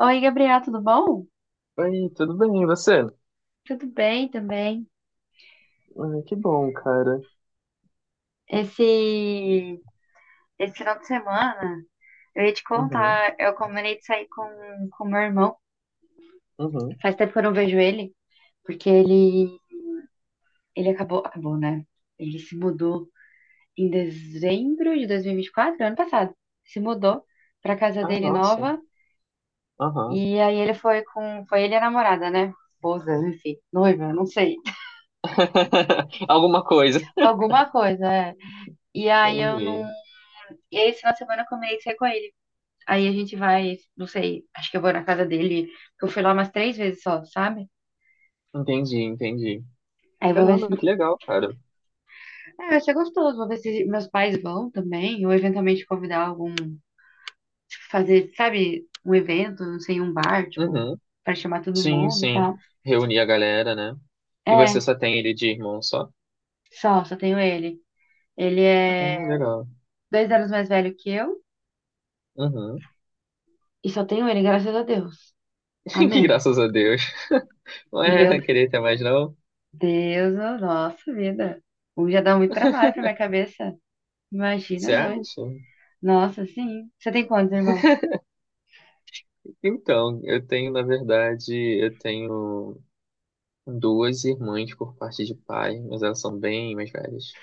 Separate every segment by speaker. Speaker 1: Oi, Gabriel, tudo bom?
Speaker 2: Oi, tudo bem, e você?
Speaker 1: Tudo bem também.
Speaker 2: Ai, que bom, cara.
Speaker 1: Esse, esse final de semana, eu ia te
Speaker 2: Uhum,
Speaker 1: contar, eu combinei de sair com meu irmão.
Speaker 2: uhum.
Speaker 1: Faz tempo que eu não vejo ele, porque ele acabou, né? Ele se mudou em dezembro de 2024, ano passado. Se mudou pra casa
Speaker 2: Ah,
Speaker 1: dele
Speaker 2: nossa.
Speaker 1: nova,
Speaker 2: Aham.
Speaker 1: e aí ele foi foi ele e a namorada, né? Esposa, enfim, noiva, não sei.
Speaker 2: Alguma coisa.
Speaker 1: Alguma coisa, é. E aí eu não,
Speaker 2: Entendi.
Speaker 1: e aí esse final de semana eu combinei de sair com ele. Aí a gente vai, não sei, acho que eu vou na casa dele, porque eu fui lá umas três vezes só, sabe?
Speaker 2: Entendi, entendi.
Speaker 1: Aí eu vou ver se.
Speaker 2: Caramba, que legal, cara.
Speaker 1: É, vai ser gostoso, vou ver se meus pais vão também, ou eventualmente convidar algum. Tipo, fazer, sabe, um evento, não sei, um bar, tipo,
Speaker 2: Uhum.
Speaker 1: pra chamar todo
Speaker 2: Sim,
Speaker 1: mundo e
Speaker 2: sim.
Speaker 1: tal.
Speaker 2: Reunir a galera, né? E
Speaker 1: É,
Speaker 2: você só tem ele de irmão só?
Speaker 1: só tenho ele. Ele
Speaker 2: Ah,
Speaker 1: é
Speaker 2: legal.
Speaker 1: 2 anos mais velho que eu,
Speaker 2: Uhum.
Speaker 1: e só tenho ele, graças a Deus.
Speaker 2: Que
Speaker 1: Amém.
Speaker 2: graças a Deus. Não
Speaker 1: Meu
Speaker 2: é querer ter mais, não?
Speaker 1: Deus, oh, nossa vida. Um já dá muito trabalho pra minha cabeça. Imagina
Speaker 2: Você
Speaker 1: dois.
Speaker 2: acha?
Speaker 1: Nossa, sim. Você tem quantos irmãos?
Speaker 2: Então, eu tenho, na verdade, eu tenho. Duas irmãs por parte de pai, mas elas são bem mais velhas.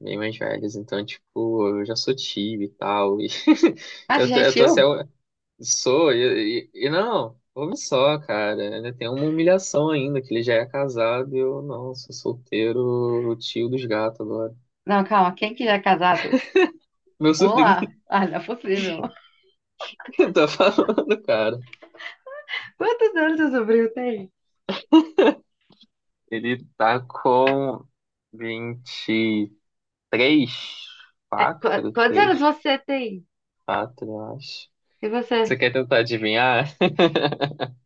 Speaker 2: Bem mais velhas. Então, tipo, eu já sou tio e tal. E
Speaker 1: Ah, você
Speaker 2: eu
Speaker 1: já
Speaker 2: tô,
Speaker 1: é
Speaker 2: eu tô assim,
Speaker 1: tio?
Speaker 2: eu sou, e não, ouve só, cara. Ainda tem uma humilhação ainda, que ele já é casado e eu não, sou solteiro, tio dos gatos agora.
Speaker 1: Não, calma. Quem que já é casado?
Speaker 2: Meu
Speaker 1: Vamos
Speaker 2: sobrinho
Speaker 1: lá. Ah, não é possível.
Speaker 2: que tá falando, cara.
Speaker 1: Quantos anos seu sobrinho tem?
Speaker 2: Ele tá com 23,
Speaker 1: É,
Speaker 2: 4,
Speaker 1: quantos
Speaker 2: 3,
Speaker 1: anos você tem?
Speaker 2: 4, eu acho.
Speaker 1: E
Speaker 2: Você
Speaker 1: você?
Speaker 2: quer tentar adivinhar?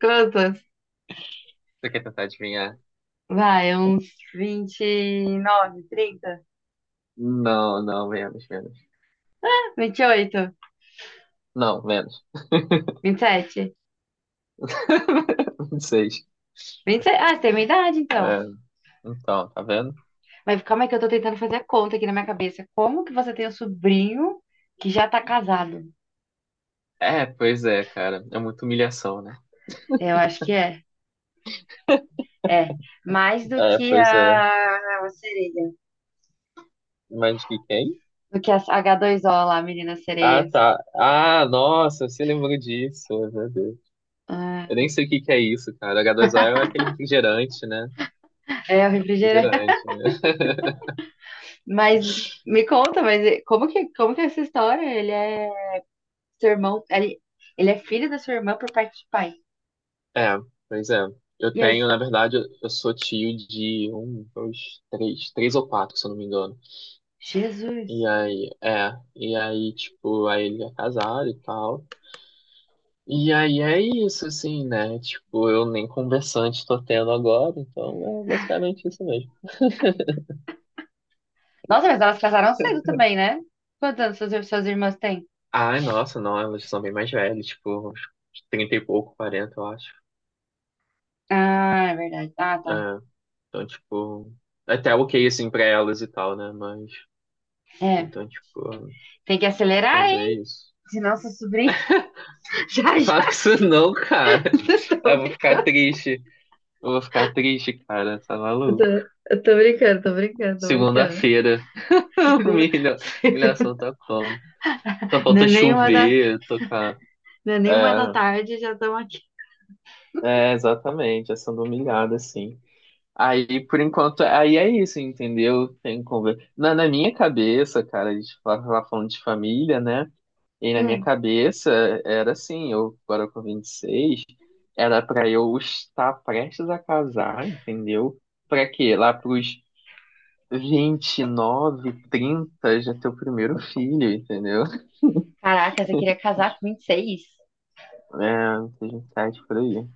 Speaker 1: Quantos?
Speaker 2: Você quer tentar adivinhar?
Speaker 1: Vai, uns
Speaker 2: Não, não, menos, menos.
Speaker 1: 29, 30,
Speaker 2: Não, menos.
Speaker 1: 28, 27.
Speaker 2: Seis.
Speaker 1: 27. Ah, você tem minha idade, então.
Speaker 2: É, então, tá vendo?
Speaker 1: Mas calma aí que eu tô tentando fazer a conta aqui na minha cabeça. Como que você tem um sobrinho que já tá casado?
Speaker 2: É, pois é, cara. É muita humilhação, né?
Speaker 1: Eu acho que é. É. Mais do
Speaker 2: É,
Speaker 1: que
Speaker 2: pois é.
Speaker 1: a sereia.
Speaker 2: Mas de quem?
Speaker 1: Do que as H2O lá, meninas
Speaker 2: Ah,
Speaker 1: sereias.
Speaker 2: tá. Ah, nossa, você lembrou disso, meu Deus. Eu nem
Speaker 1: Ah,
Speaker 2: sei o que que é isso, cara. H2O é aquele refrigerante, né?
Speaker 1: é o refrigerante.
Speaker 2: Refrigerante, né?
Speaker 1: Mas me conta, mas como que é essa história? Ele é seu irmão, ele é filho da sua irmã por parte de pai.
Speaker 2: É, pois é. Eu
Speaker 1: E aí,
Speaker 2: tenho, na verdade, eu sou tio de um, dois, três, três ou quatro, se eu não me engano. E
Speaker 1: Jesus.
Speaker 2: aí, é, e aí, tipo, aí ele é casado e tal. E aí é isso, assim, né? Tipo, eu nem conversante tô tendo agora, então é basicamente isso mesmo.
Speaker 1: Nossa, mas elas casaram cedo também, né? Quantos anos suas irmãs têm?
Speaker 2: Ai, nossa, não, elas são bem mais velhas, tipo, uns 30 e pouco, 40 eu acho.
Speaker 1: Ah, é verdade. Ah, tá.
Speaker 2: É, então, tipo, até ok, assim, pra elas e tal, né? Mas,
Speaker 1: É.
Speaker 2: então, tipo,
Speaker 1: Tem que acelerar,
Speaker 2: mas é
Speaker 1: hein?
Speaker 2: isso.
Speaker 1: Senão seu sobrinha. Já,
Speaker 2: Fala
Speaker 1: já.
Speaker 2: isso não, cara.
Speaker 1: Eu tô,
Speaker 2: Eu vou
Speaker 1: brin-
Speaker 2: ficar triste. Eu vou ficar triste, cara, tá maluco.
Speaker 1: eu tô brincando, tô brincando, tô brincando.
Speaker 2: Segunda-feira.
Speaker 1: Segunda-
Speaker 2: Humilha, humilhação tá como? Só
Speaker 1: Não é
Speaker 2: falta
Speaker 1: nenhuma da,
Speaker 2: chover, tocar.
Speaker 1: não é nenhuma da
Speaker 2: É,
Speaker 1: tarde, já estamos
Speaker 2: exatamente, é sendo humilhada, assim. Aí, por enquanto, aí é isso, entendeu? Tem conversa. Na minha cabeça, cara, a gente tava falando de família, né? E na minha
Speaker 1: Hum,
Speaker 2: cabeça era assim, eu agora com 26 era pra eu estar prestes a casar, entendeu? Pra quê? Lá pros 29 30 já ter o primeiro filho, entendeu?
Speaker 1: caraca, você queria casar com 26?
Speaker 2: É, seja um site por aí.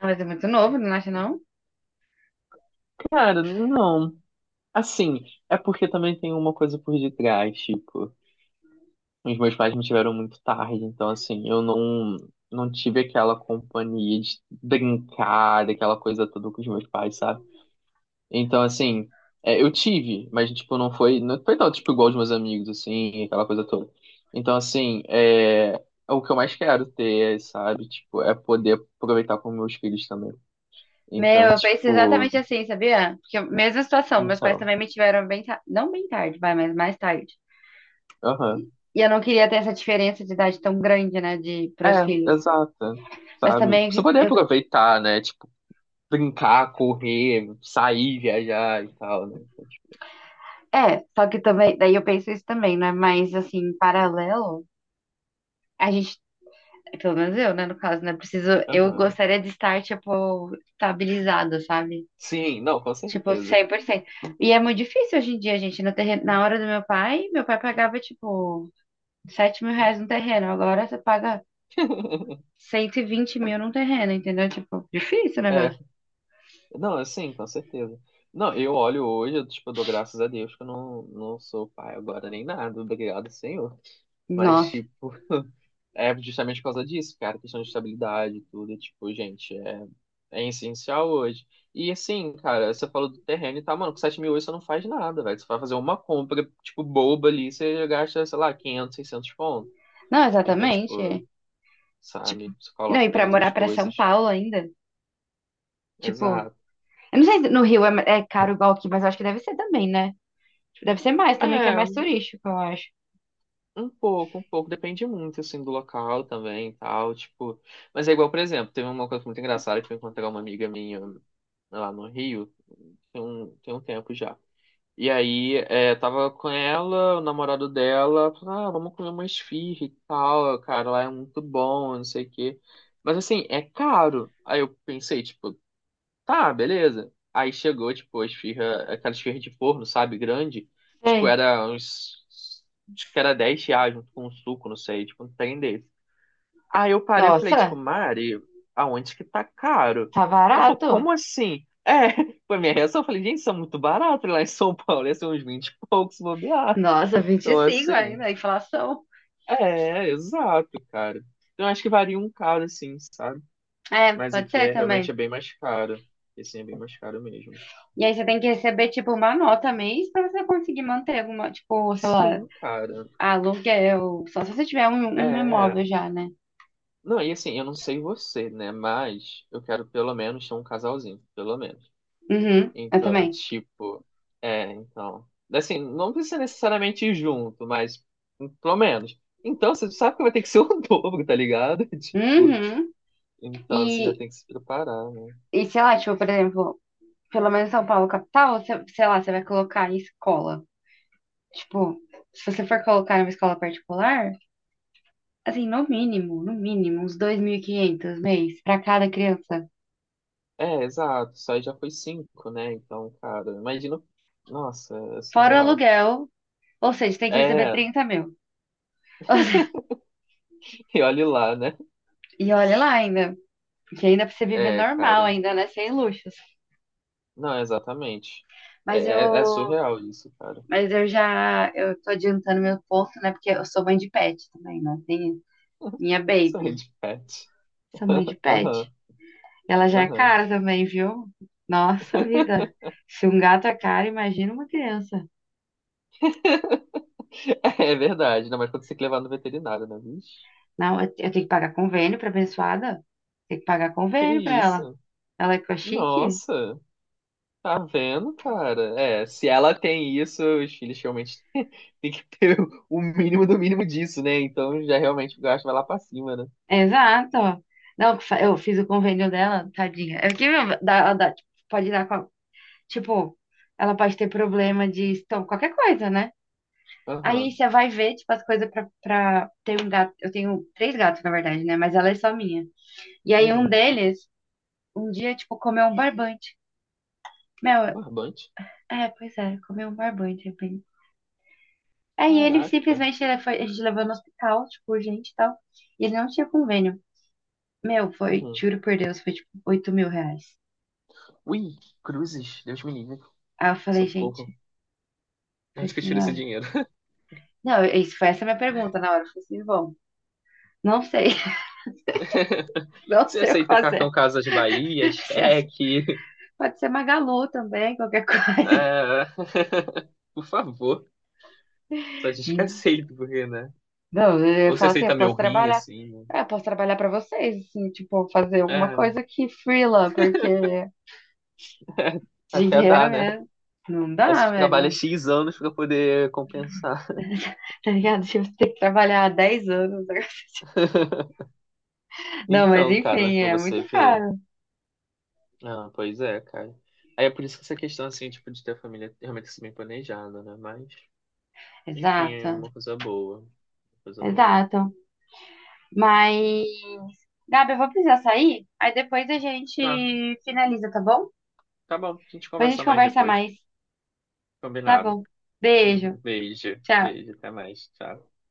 Speaker 1: Ah, mas é muito novo, não acha não?
Speaker 2: Cara, não. Assim, é porque também tem uma coisa por detrás, tipo, os meus pais me tiveram muito tarde, então assim, eu não tive aquela companhia de brincar, daquela coisa toda com os meus pais, sabe? Então assim, é, eu tive, mas tipo, não foi tão tipo igual os meus amigos, assim, aquela coisa toda. Então assim, é o que eu mais quero ter, sabe? Tipo, é poder aproveitar com meus filhos também.
Speaker 1: Meu,
Speaker 2: Então,
Speaker 1: eu penso
Speaker 2: tipo,
Speaker 1: exatamente assim, sabia? Porque mesma situação, meus pais
Speaker 2: então.
Speaker 1: também me tiveram bem, não bem tarde, vai, mas mais tarde.
Speaker 2: Aham.
Speaker 1: E eu não queria ter essa diferença de idade tão grande, né, de pros
Speaker 2: É,
Speaker 1: filhos.
Speaker 2: exato.
Speaker 1: Mas
Speaker 2: Sabe? Você
Speaker 1: também
Speaker 2: poder
Speaker 1: eu,
Speaker 2: aproveitar, né? Tipo, brincar, correr, sair, viajar e tal, né? Então, tipo,
Speaker 1: é, só que também, daí eu penso isso também, né? Mas assim, em paralelo, a gente, pelo menos eu, né, no caso, né, preciso, eu
Speaker 2: Aham.
Speaker 1: gostaria de estar tipo estabilizado, sabe?
Speaker 2: Sim, não, com
Speaker 1: Tipo,
Speaker 2: certeza.
Speaker 1: cem por cento. E é muito difícil hoje em dia, gente. No terreno, na hora do meu pai pagava, tipo, 7 mil reais no terreno. Agora você paga 120 mil num terreno, entendeu? Tipo, difícil o
Speaker 2: É
Speaker 1: negócio.
Speaker 2: não, é sim, com certeza. Não, eu olho hoje, eu, tipo, dou graças a Deus que eu não sou pai agora nem nada. Obrigado, Senhor. Mas,
Speaker 1: Nossa.
Speaker 2: tipo, é justamente por causa disso, cara, questão de estabilidade e tudo, tipo, gente, é essencial hoje. E assim, cara, você falou do terreno e tá, mano, com 7.000 hoje você não faz nada, velho. Você vai fazer uma compra, tipo, boba ali, você gasta, sei lá, 500 600 pontos.
Speaker 1: Não,
Speaker 2: Então,
Speaker 1: exatamente. É.
Speaker 2: tipo,
Speaker 1: Tipo,
Speaker 2: sabe, você
Speaker 1: não,
Speaker 2: coloca
Speaker 1: e
Speaker 2: as
Speaker 1: pra
Speaker 2: outras
Speaker 1: morar pra São
Speaker 2: coisas.
Speaker 1: Paulo ainda. Tipo,
Speaker 2: Exato.
Speaker 1: eu não sei se no Rio é caro igual aqui, mas eu acho que deve ser também, né? Tipo, deve ser mais também, que é
Speaker 2: É,
Speaker 1: mais turístico, eu acho.
Speaker 2: um pouco, um pouco. Depende muito, assim, do local também e tal, tipo. Mas é igual, por exemplo, teve uma coisa muito engraçada que eu encontrei uma amiga minha lá no Rio, tem um tempo já. E aí, é, tava com ela, o namorado dela, falou, ah, vamos comer uma esfirra e tal, cara, lá é muito bom, não sei o quê. Mas assim, é caro. Aí eu pensei, tipo, tá, beleza. Aí chegou, tipo, a esfirra, aquela esfirra de forno, sabe, grande. Tipo,
Speaker 1: Sei.
Speaker 2: era uns. Acho que era R$ 10 junto com um suco, não sei, tipo, um trem desse. Aí eu parei e falei, tipo,
Speaker 1: Nossa,
Speaker 2: Mari, aonde que tá caro?
Speaker 1: tá
Speaker 2: Ela falou,
Speaker 1: barato.
Speaker 2: como assim? É, foi minha reação. Eu falei, gente, isso é muito barato lá em São Paulo, ia ser uns 20 e poucos se bobear.
Speaker 1: Nossa, vinte e
Speaker 2: Então,
Speaker 1: cinco
Speaker 2: assim,
Speaker 1: ainda, inflação.
Speaker 2: é, exato, cara. Então, acho que varia um caro, assim, sabe?
Speaker 1: É,
Speaker 2: Mas
Speaker 1: pode
Speaker 2: aqui
Speaker 1: ser
Speaker 2: é realmente é
Speaker 1: também.
Speaker 2: bem mais caro. Esse é bem mais caro mesmo.
Speaker 1: E aí você tem que receber, tipo, uma nota mês pra você conseguir manter alguma, tipo, sei lá,
Speaker 2: Sim, cara.
Speaker 1: aluguel. Só se você tiver um
Speaker 2: É.
Speaker 1: imóvel já, né?
Speaker 2: Não, e assim, eu não sei você, né? Mas eu quero pelo menos ter um casalzinho, pelo menos.
Speaker 1: Uhum, eu
Speaker 2: Então, é
Speaker 1: também.
Speaker 2: tipo, é, então. Assim, não precisa necessariamente ir junto, mas pelo menos. Então, você sabe que vai ter que ser o dobro, tá ligado? Tipo,
Speaker 1: Uhum.
Speaker 2: então você já
Speaker 1: E,
Speaker 2: tem que se preparar, né?
Speaker 1: e sei lá, tipo, por exemplo, pelo menos São Paulo capital, você, sei lá, você vai colocar em escola. Tipo, se você for colocar em uma escola particular, assim, no mínimo, no mínimo, uns 2.500 mês pra cada criança.
Speaker 2: É, exato. Só aí já foi cinco, né? Então, cara, imagina. Nossa, é
Speaker 1: Fora o
Speaker 2: surreal.
Speaker 1: aluguel, ou seja, tem que receber
Speaker 2: É,
Speaker 1: 30 mil.
Speaker 2: e olhe lá, né?
Speaker 1: E olha lá ainda, porque ainda pra você viver
Speaker 2: É,
Speaker 1: normal,
Speaker 2: cara.
Speaker 1: ainda, né? Sem luxos.
Speaker 2: Não, exatamente. É,
Speaker 1: Mas
Speaker 2: é- é
Speaker 1: eu.
Speaker 2: surreal isso, cara.
Speaker 1: Mas eu já. Eu tô adiantando meu ponto, né? Porque eu sou mãe de pet também, né? Tem minha
Speaker 2: Sonho
Speaker 1: baby.
Speaker 2: de pet.
Speaker 1: Sou mãe de pet.
Speaker 2: Aham,
Speaker 1: Ela já é
Speaker 2: aham.
Speaker 1: cara também, viu? Nossa vida. Se um gato é caro, imagina uma criança.
Speaker 2: É verdade, não, mas quando você tem que levar no veterinário, né, bicho?
Speaker 1: Não, eu tenho que pagar convênio pra abençoada. Tem que pagar
Speaker 2: Que
Speaker 1: convênio pra ela.
Speaker 2: isso?
Speaker 1: Ela é com a chique?
Speaker 2: Nossa, tá vendo, cara? É, se ela tem isso, os filhos realmente têm que ter o mínimo do mínimo disso, né? Então já realmente o gasto vai lá pra cima, né?
Speaker 1: Exato. Não, eu fiz o convênio dela, tadinha. É porque meu, tipo, pode dar com tipo, ela pode ter problema de estômago, qualquer coisa, né? Aí
Speaker 2: Aham,
Speaker 1: você vai ver, tipo, as coisas pra ter um gato. Eu tenho três gatos, na verdade, né? Mas ela é só minha. E aí um
Speaker 2: uhum.
Speaker 1: deles, um dia, tipo, comeu um barbante.
Speaker 2: Um
Speaker 1: Meu,
Speaker 2: barbante?
Speaker 1: é, pois é, comeu um barbante, de repente. Aí ele
Speaker 2: Caraca.
Speaker 1: simplesmente ele foi, a gente levou no hospital, tipo, urgente e tal. E ele não tinha convênio. Meu, foi,
Speaker 2: Uhum.
Speaker 1: juro por Deus, foi tipo 8 mil reais.
Speaker 2: Ui, cruzes, Deus me livre.
Speaker 1: Aí eu falei, gente,
Speaker 2: Socorro.
Speaker 1: falei
Speaker 2: Onde que eu
Speaker 1: assim,
Speaker 2: tiro esse
Speaker 1: olha.
Speaker 2: dinheiro?
Speaker 1: Não, isso foi essa minha pergunta na hora. Eu falei assim, bom, não sei, não
Speaker 2: Você
Speaker 1: sei o que
Speaker 2: aceita cartão
Speaker 1: fazer.
Speaker 2: Casas Bahia, cheque?
Speaker 1: Pode ser Magalu também, qualquer coisa.
Speaker 2: Ah, por favor, só diz que
Speaker 1: Hum.
Speaker 2: aceito, porque, né?
Speaker 1: Não, eu
Speaker 2: Ou você
Speaker 1: falo assim, eu
Speaker 2: aceita meu
Speaker 1: posso
Speaker 2: rim,
Speaker 1: trabalhar.
Speaker 2: assim, né?
Speaker 1: É, eu posso trabalhar pra vocês, assim, tipo, fazer alguma
Speaker 2: É,
Speaker 1: coisa que freela, porque
Speaker 2: até
Speaker 1: dinheiro
Speaker 2: dá, né?
Speaker 1: é. Não
Speaker 2: Aí
Speaker 1: dá,
Speaker 2: você
Speaker 1: velho.
Speaker 2: trabalha
Speaker 1: Não-
Speaker 2: X anos pra poder compensar.
Speaker 1: Tá ligado? Tipo, você tem que trabalhar há 10 anos. Não, mas
Speaker 2: Então, cara, mas
Speaker 1: enfim,
Speaker 2: pra
Speaker 1: é
Speaker 2: você
Speaker 1: muito
Speaker 2: ver.
Speaker 1: caro.
Speaker 2: Ah, pois é, cara. Aí é por isso que essa questão, assim, tipo, de ter a família realmente assim, bem planejada, né? Mas, enfim,
Speaker 1: Exato,
Speaker 2: é uma coisa boa. Uma coisa boa.
Speaker 1: exato. Mas, Gabi, eu vou precisar sair, aí depois a gente
Speaker 2: Tá,
Speaker 1: finaliza, tá bom?
Speaker 2: tá bom. A gente
Speaker 1: Depois a
Speaker 2: conversa
Speaker 1: gente
Speaker 2: mais
Speaker 1: conversa
Speaker 2: depois.
Speaker 1: mais, tá
Speaker 2: Combinado.
Speaker 1: bom? Beijo,
Speaker 2: Beijo,
Speaker 1: tchau.
Speaker 2: beijo, até mais. Tchau.